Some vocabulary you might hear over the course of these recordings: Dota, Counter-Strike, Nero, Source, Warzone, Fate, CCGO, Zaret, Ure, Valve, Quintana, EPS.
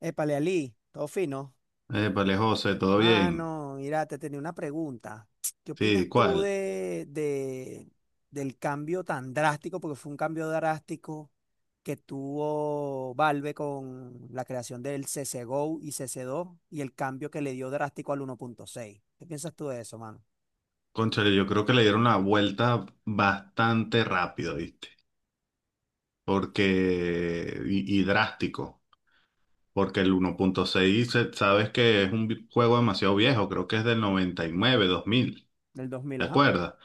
Épale, Ali, todo fino. Vale José, ¿todo bien? Mano, mira, te tenía una pregunta. ¿Qué opinas Sí, tú ¿cuál? Del cambio tan drástico? Porque fue un cambio drástico que tuvo Valve con la creación del CCGO y cc dos y el cambio que le dio drástico al 1.6. ¿Qué piensas tú de eso, mano? Cónchale, yo creo que le dieron la vuelta bastante rápido, ¿viste? Porque drástico, porque el 1.6, sabes que es un juego demasiado viejo, creo que es del 99, 2000, Del 2000, ¿te ajá. acuerdas?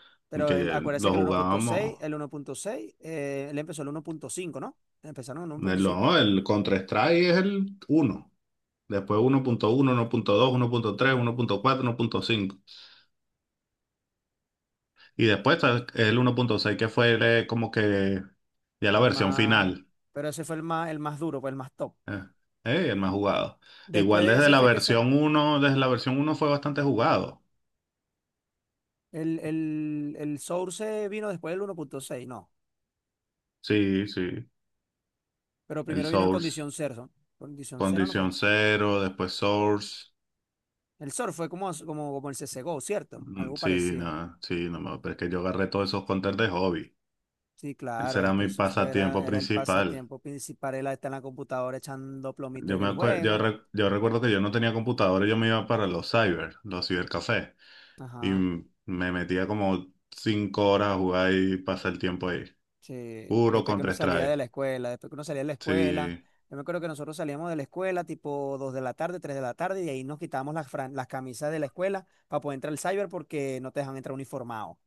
Que Pero acuérdese lo que el 1.6, jugábamos, el 1.6, él empezó el 1.5, ¿no? Empezaron en el uno punto el, cinco. no, el Counter-Strike es el uno, después uno uno uno uno uno punto punto punto dos tres uno punto cuatro uno punto cinco. Y después está el 1.6 que fue como que ya la El versión más, final. pero ese fue el más duro, pues el más top. Eh, el más jugado. Después Igual de ese fue que sal- desde la versión uno fue bastante jugado. el, el, el Source vino después del 1.6, ¿no? Sí, sí. Pero El primero vino el Source, Condición Cero. Condición Cero no fue. Condición Cero, después Source. El Source fue como el CSGO, ¿cierto? Mm, Algo sí, parecido. no, sí, no, no, pero es que yo agarré todos esos counters de hobby. Sí, Ese claro, era es que mi eso pasatiempo fuera, era el principal. pasatiempo principal, era estar en la computadora echando plomito Yo en me el acue- yo, juego. re- Yo recuerdo que yo no tenía computadora y yo me iba para los cyber, los cibercafés. Y Ajá. me metía como 5 horas a jugar y pasar el tiempo ahí. Sí, Puro después que contra uno salía de strike. la escuela, después que uno salía de la escuela, Sí. yo me acuerdo que nosotros salíamos de la escuela tipo 2 de la tarde, 3 de la tarde, y ahí nos quitábamos las camisas de la escuela para poder entrar al cyber porque no te dejan entrar uniformado.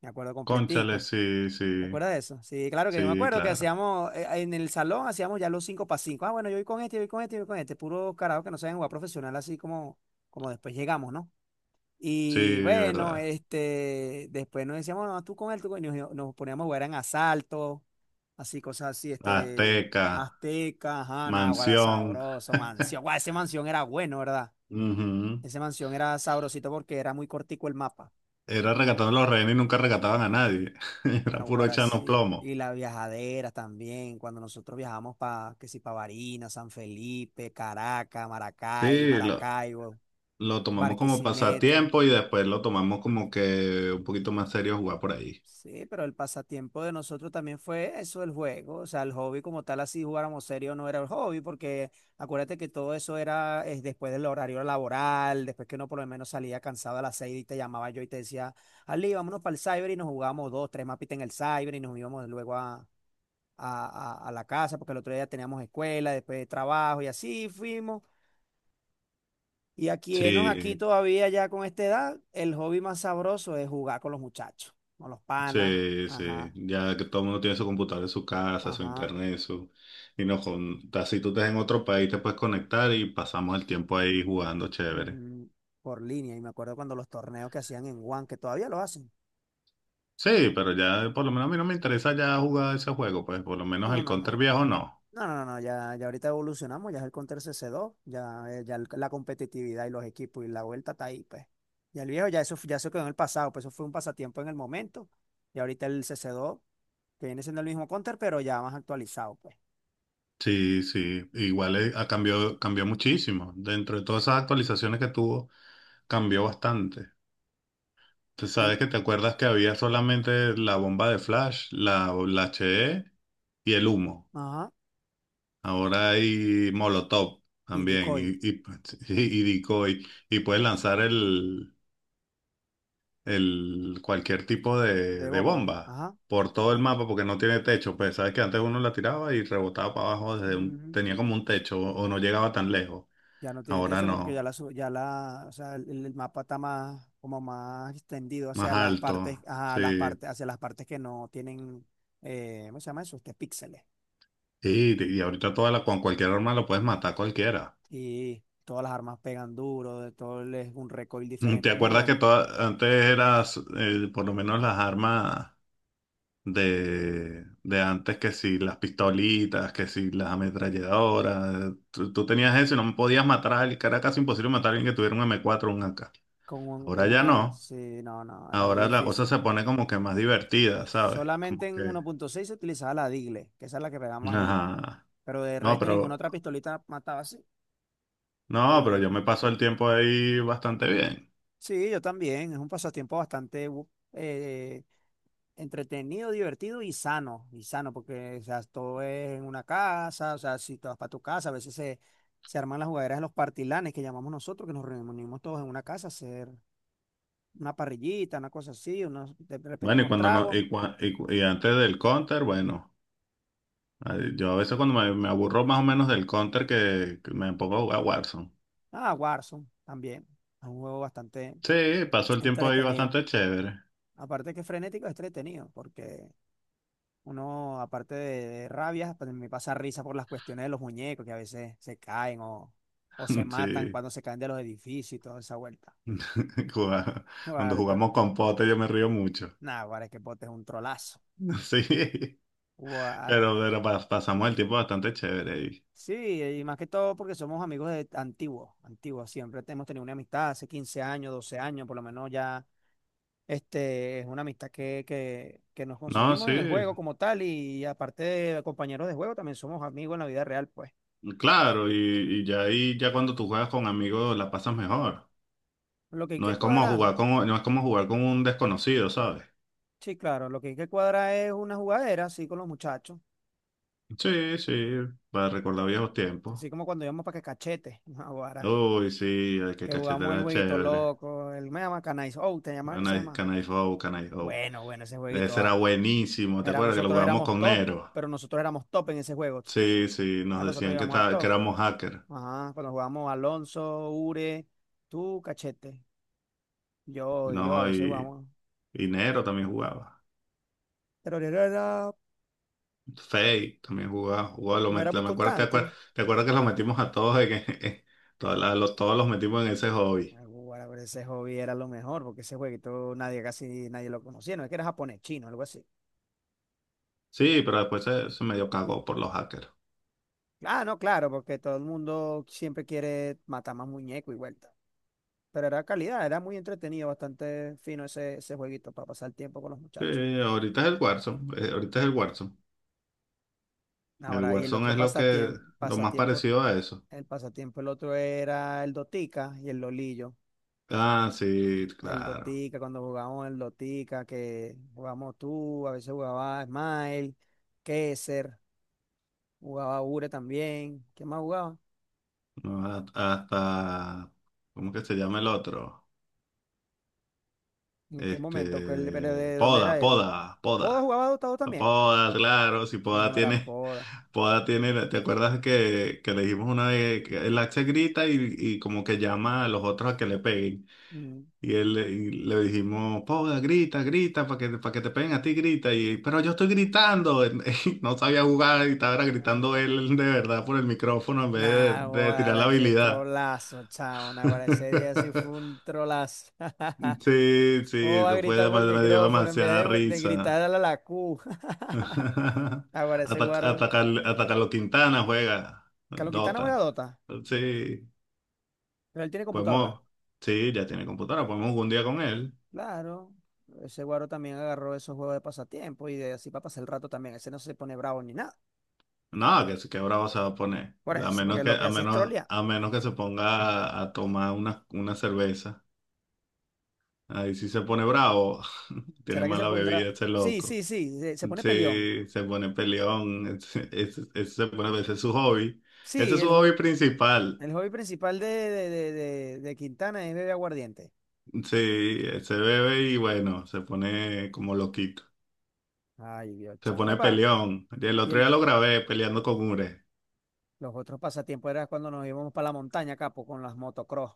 Me acuerdo Cónchale, completico. sí, ¿Te sí. acuerdas de eso? Sí, claro que yo me Sí, acuerdo que claro. En el salón hacíamos ya los 5 para 5. Ah, bueno, yo voy con este, yo voy con este, yo voy con este. Puro carajo que no saben jugar profesional así como después llegamos, ¿no? Sí, Y bueno, verdad. Después nos decíamos, no, tú con él, tú con él, y nos poníamos a jugar en asalto, así, cosas así, Azteca, Azteca, ajá, Náguara, Mansión. sabroso, Mansión, guau, ese Mansión era bueno, ¿verdad? Ujú. Ese Mansión era sabrosito porque era muy cortico el mapa, Era rescatando a los rehenes y nunca rescataban a nadie. Era puro Náguara, echarnos sí, plomo. y las viajaderas también, cuando nosotros viajamos que si para Barinas, San Felipe, Caracas, Maracay, Sí, lo, Maracaibo, lo tomamos como Barquisimeto. pasatiempo y después lo tomamos como que un poquito más serio jugar por ahí. Sí, pero el pasatiempo de nosotros también fue eso, el juego. O sea, el hobby como tal, así jugáramos serio, no era el hobby, porque acuérdate que todo eso era después del horario laboral, después que uno por lo menos salía cansado a las seis y te llamaba yo y te decía, Ali, vámonos para el cyber y nos jugábamos dos, tres mapitas en el cyber y nos íbamos luego a, a la casa, porque el otro día teníamos escuela, después de trabajo y así fuimos. Y aquí, enos aquí Sí, todavía ya con esta edad, el hobby más sabroso es jugar con los muchachos, con los panas. sí, sí, Ajá, ya que todo el mundo tiene su computador en su casa, su ajá. internet, su... Y no, con... así tú estás en otro país, te puedes conectar y pasamos el tiempo ahí jugando chévere. mm, por línea. Y me acuerdo cuando los torneos que hacían en One, que todavía lo hacen. Sí, pero ya por lo menos a mí no me interesa ya jugar ese juego, pues por lo menos No, el no, Counter no. viejo no. No, no, no. Ya ahorita evolucionamos, ya es el Counter CC2, ya, la competitividad y los equipos y la vuelta está ahí, pues. Ya el viejo, ya eso quedó en el pasado, pues eso fue un pasatiempo en el momento. Y ahorita el CC2, que viene siendo el mismo Counter, pero ya más actualizado, pues. Sí, sí, igual cambió muchísimo. Dentro de todas esas actualizaciones que tuvo, cambió bastante. Tú sabes Y, que te acuerdas que había solamente la bomba de flash, la HE y el humo. ajá, Ahora hay Molotov y también decoy y decoy, y puedes lanzar el cualquier tipo de de bomba. bomba Ajá. por todo el la- mapa porque no tiene techo. Pues sabes que antes uno la tiraba y rebotaba para abajo, tenía como un techo o no llegaba tan lejos. Ya no tiene Ahora techo porque ya no, la, su- ya la, o sea, el mapa está más, como más extendido más alto. Sí. Hacia las partes que no tienen, ¿cómo se llama eso? Píxeles. Y ahorita toda la, con cualquier arma lo puedes matar a cualquiera. Y todas las armas pegan duro, es un recoil ¿Te diferente. Es muy acuerdas que bueno. Antes eras, por lo menos las armas? De antes que si las pistolitas, que si las ametralladoras, tú tenías eso y no podías matar a alguien, que era casi imposible matar a alguien que tuviera un M4 o un AK. Con, un- con Ahora ya una, no, sí, no, no, era muy ahora la cosa difícil. se pone como que más divertida, ¿sabes? Solamente Como en que, 1.6 se utilizaba la Digle, que esa es la que pegaba más duro. ajá, Pero de no, resto ninguna pero, otra pistolita mataba así, por no, lo pero menos yo aquí. me paso el tiempo ahí bastante bien. Sí, yo también. Es un pasatiempo bastante entretenido, divertido y sano, porque o sea, todo es en una casa, o sea, si te vas para tu casa, a veces se arman las jugaderas de los partilanes que llamamos nosotros, que nos reunimos todos en una casa a hacer una parrillita, una cosa así, unos, de repente Bueno, y unos cuando no, tragos. y antes del counter, bueno, ay, yo a veces cuando me aburro más o menos del counter que me pongo a jugar Warzone. Ah, Warzone también, es un juego bastante Sí, paso el tiempo ahí entretenido. bastante chévere. Aparte que es frenético, es entretenido, porque uno, aparte de rabias, pues me pasa risa por las cuestiones de los muñecos que a veces se caen o se matan Sí, cuando se caen de los edificios y toda esa vuelta. juga- cuando Guara, jugamos con pote yo me río mucho. nah, Guara, es que Pote es un trolazo. Sí, Guara. Pasamos el tiempo bastante chévere. Y, Sí, y más que todo porque somos amigos de antiguos, antiguos. Siempre hemos tenido una amistad hace 15 años, 12 años, por lo menos ya. Es una amistad que nos no, conseguimos sí, en el juego como tal y aparte de compañeros de juego, también somos amigos en la vida real, pues. claro, y ya ahí, ya cuando tú juegas con amigos la pasas mejor. Lo que hay No que es como cuadrar, jugar con, no es como jugar con un desconocido, ¿sabes? Sí, claro, lo que hay que cuadrar es una jugadera así con los muchachos, Sí, sí, para recordar viejos tiempos. así como cuando íbamos para que cachete, no, Guara, Uy, sí, ay, qué que jugamos el cachetera jueguito chévere. loco, el me llama Canais, oh, te llamas que se llama. Can I go, can I go. Bueno, bueno, ese jueguito, Ese era ah. buenísimo, ¿te acuerdas que lo Nosotros jugamos éramos con top, Nero? pero nosotros éramos top en ese juego. Sí, sí, Ah, nos nosotros decían que, llegamos al que top. éramos hackers, Ajá, cuando jugamos Alonso, Ure, tú, Cachete, yo y yo a ¿no? veces Y, jugamos. y Nero también jugaba, Pero Fate también jugaba, no era muy me acuerdo, constante. ¿Te acuerdas que los metimos a todos, en, en- todos los metimos en ese hobby? Ah, bueno, pero ese hobby era lo mejor, porque ese jueguito nadie, casi nadie lo conocía. No es que era japonés, chino, algo así. Sí, pero después se medio cagó por los hackers. Ah, no, claro, porque todo el mundo siempre quiere matar más muñecos y vuelta. Pero era calidad, era muy entretenido, bastante fino ese jueguito para pasar el tiempo con los muchachos. Ahorita es el Warzone. El Ahora, y Warzone es lo que, lo más parecido a eso. El otro era el Dotica y el Lolillo. Ah, sí, El claro. Dotica, cuando jugábamos el Dotica, que jugábamos tú, a veces jugaba Smile, Kesser, jugaba Ure también. ¿Quién más jugaba? No, ha- hasta, ¿cómo que se llama el otro? ¿En qué momento? Pero Este, de dónde era él? ¿Poda Poda. jugaba Dotado No también? Poda, claro, si Poda No era tiene, Poda. Poda tiene, ¿te acuerdas que le dijimos una vez que el Axe grita y como que llama a los otros a que le peguen? Mm, Y le dijimos, Poda, grita, grita, para que te peguen a ti, grita. Y, pero yo estoy gritando, y no sabía jugar y estaba ay, gritando vale. él de verdad por el micrófono en vez Nah, de tirar la ahora qué habilidad. trolazo, chao. Ahora ese día sí fue un trolazo. Sí, ¿Cómo sí, va a eso fue, gritar por el me dio micrófono en demasiada vez de gritar risa. a la Q? Ahora ese Ataca, guaro. atacar, atacar los Quintana juega Calokitana buena Dota. dota, Sí, pero él tiene computadora. podemos. Sí, ya tiene computadora, podemos jugar un día con él. Claro. Ese guaro también agarró esos juegos de pasatiempo y de así para pasar el rato también. Ese no se pone bravo ni nada. No, que bravo se va a poner. Por eso, porque lo que hace es trolear. A menos que se ponga a tomar una cerveza. Ahí sí se pone bravo. Tiene ¿Será que se mala pondrá? bebida ese Sí, sí, loco. sí. Se pone peleón. Sí, se pone peleón. Ese se pone, ese es su hobby. Ese Sí, es su el, hobby jo- principal. el hobby principal de Quintana es beber aguardiente. Sí, se bebe y bueno, se pone como loquito. Ay, Dios, Se chamo. pone Epa, peleón. Y el y otro día lo grabé peleando con Ure. los otros pasatiempos era cuando nos íbamos para la montaña, capo, con las motocross.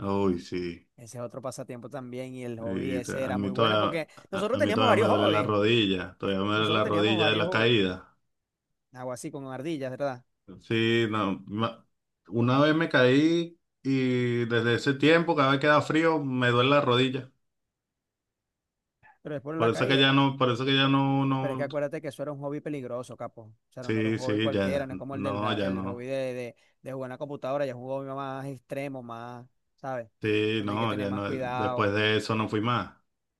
Uy, sí. Ese es otro pasatiempo también y el hobby Y te- ese a era muy mí bueno todavía, porque nosotros a mí teníamos todavía me varios duele la hobbies. rodilla. Todavía me duele Nosotros la teníamos rodilla de varios la hobbies. caída. Algo así con ardillas, ¿verdad? Sí, no. Una vez me caí y desde ese tiempo, cada vez que da frío, me duele la rodilla. Pero después la caída. Por eso que ya no, Pero es que no. acuérdate que eso era un hobby peligroso, capo. O sea, no era un Sí, hobby sí, cualquiera, ya. no es como el del No, la- ya el hobby no. de jugar en la computadora, ya es un hobby más extremo, más, ¿sabes? Sí, Donde hay que no, tener ya más no. cuidado. Después de eso no fui más.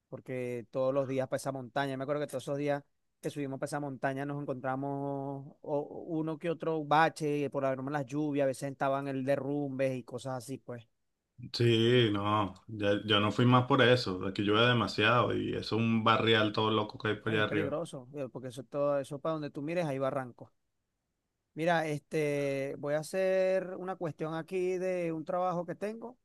Porque todos los días para esa montaña, me acuerdo que todos esos días que subimos para esa montaña nos encontramos uno que otro bache, por haber las lluvias, a veces estaban el derrumbe y cosas así, pues. Sí, no, yo no fui más por eso, aquí llueve demasiado y eso es un barrial todo loco que hay por No, y allá es arriba. peligroso, porque eso todo, eso para donde tú mires, hay barrancos. Mira, voy a hacer una cuestión aquí de un trabajo que tengo.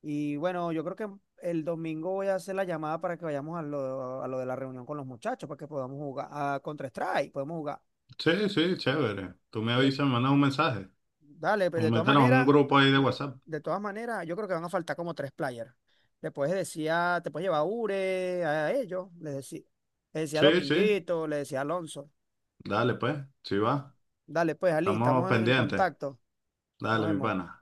Y bueno, yo creo que el domingo voy a hacer la llamada para que vayamos a lo de la reunión con los muchachos, para que podamos jugar a Counter-Strike, podemos jugar. Sí, sí, chévere. Tú me Yo, avisas, me mandas un mensaje Dale, o pero de todas mételos en un maneras, grupo ahí de de, WhatsApp. Yo creo que van a faltar como tres players. Le puedes decir a- Te puedes llevar a Ure, a ellos, les decía, a Sí, sí, Dominguito, les decía a Alonso. dale pues, sí va, Dale, pues, Ali, estamos estamos en el pendientes. contacto. Nos Dale, mi vemos. pana.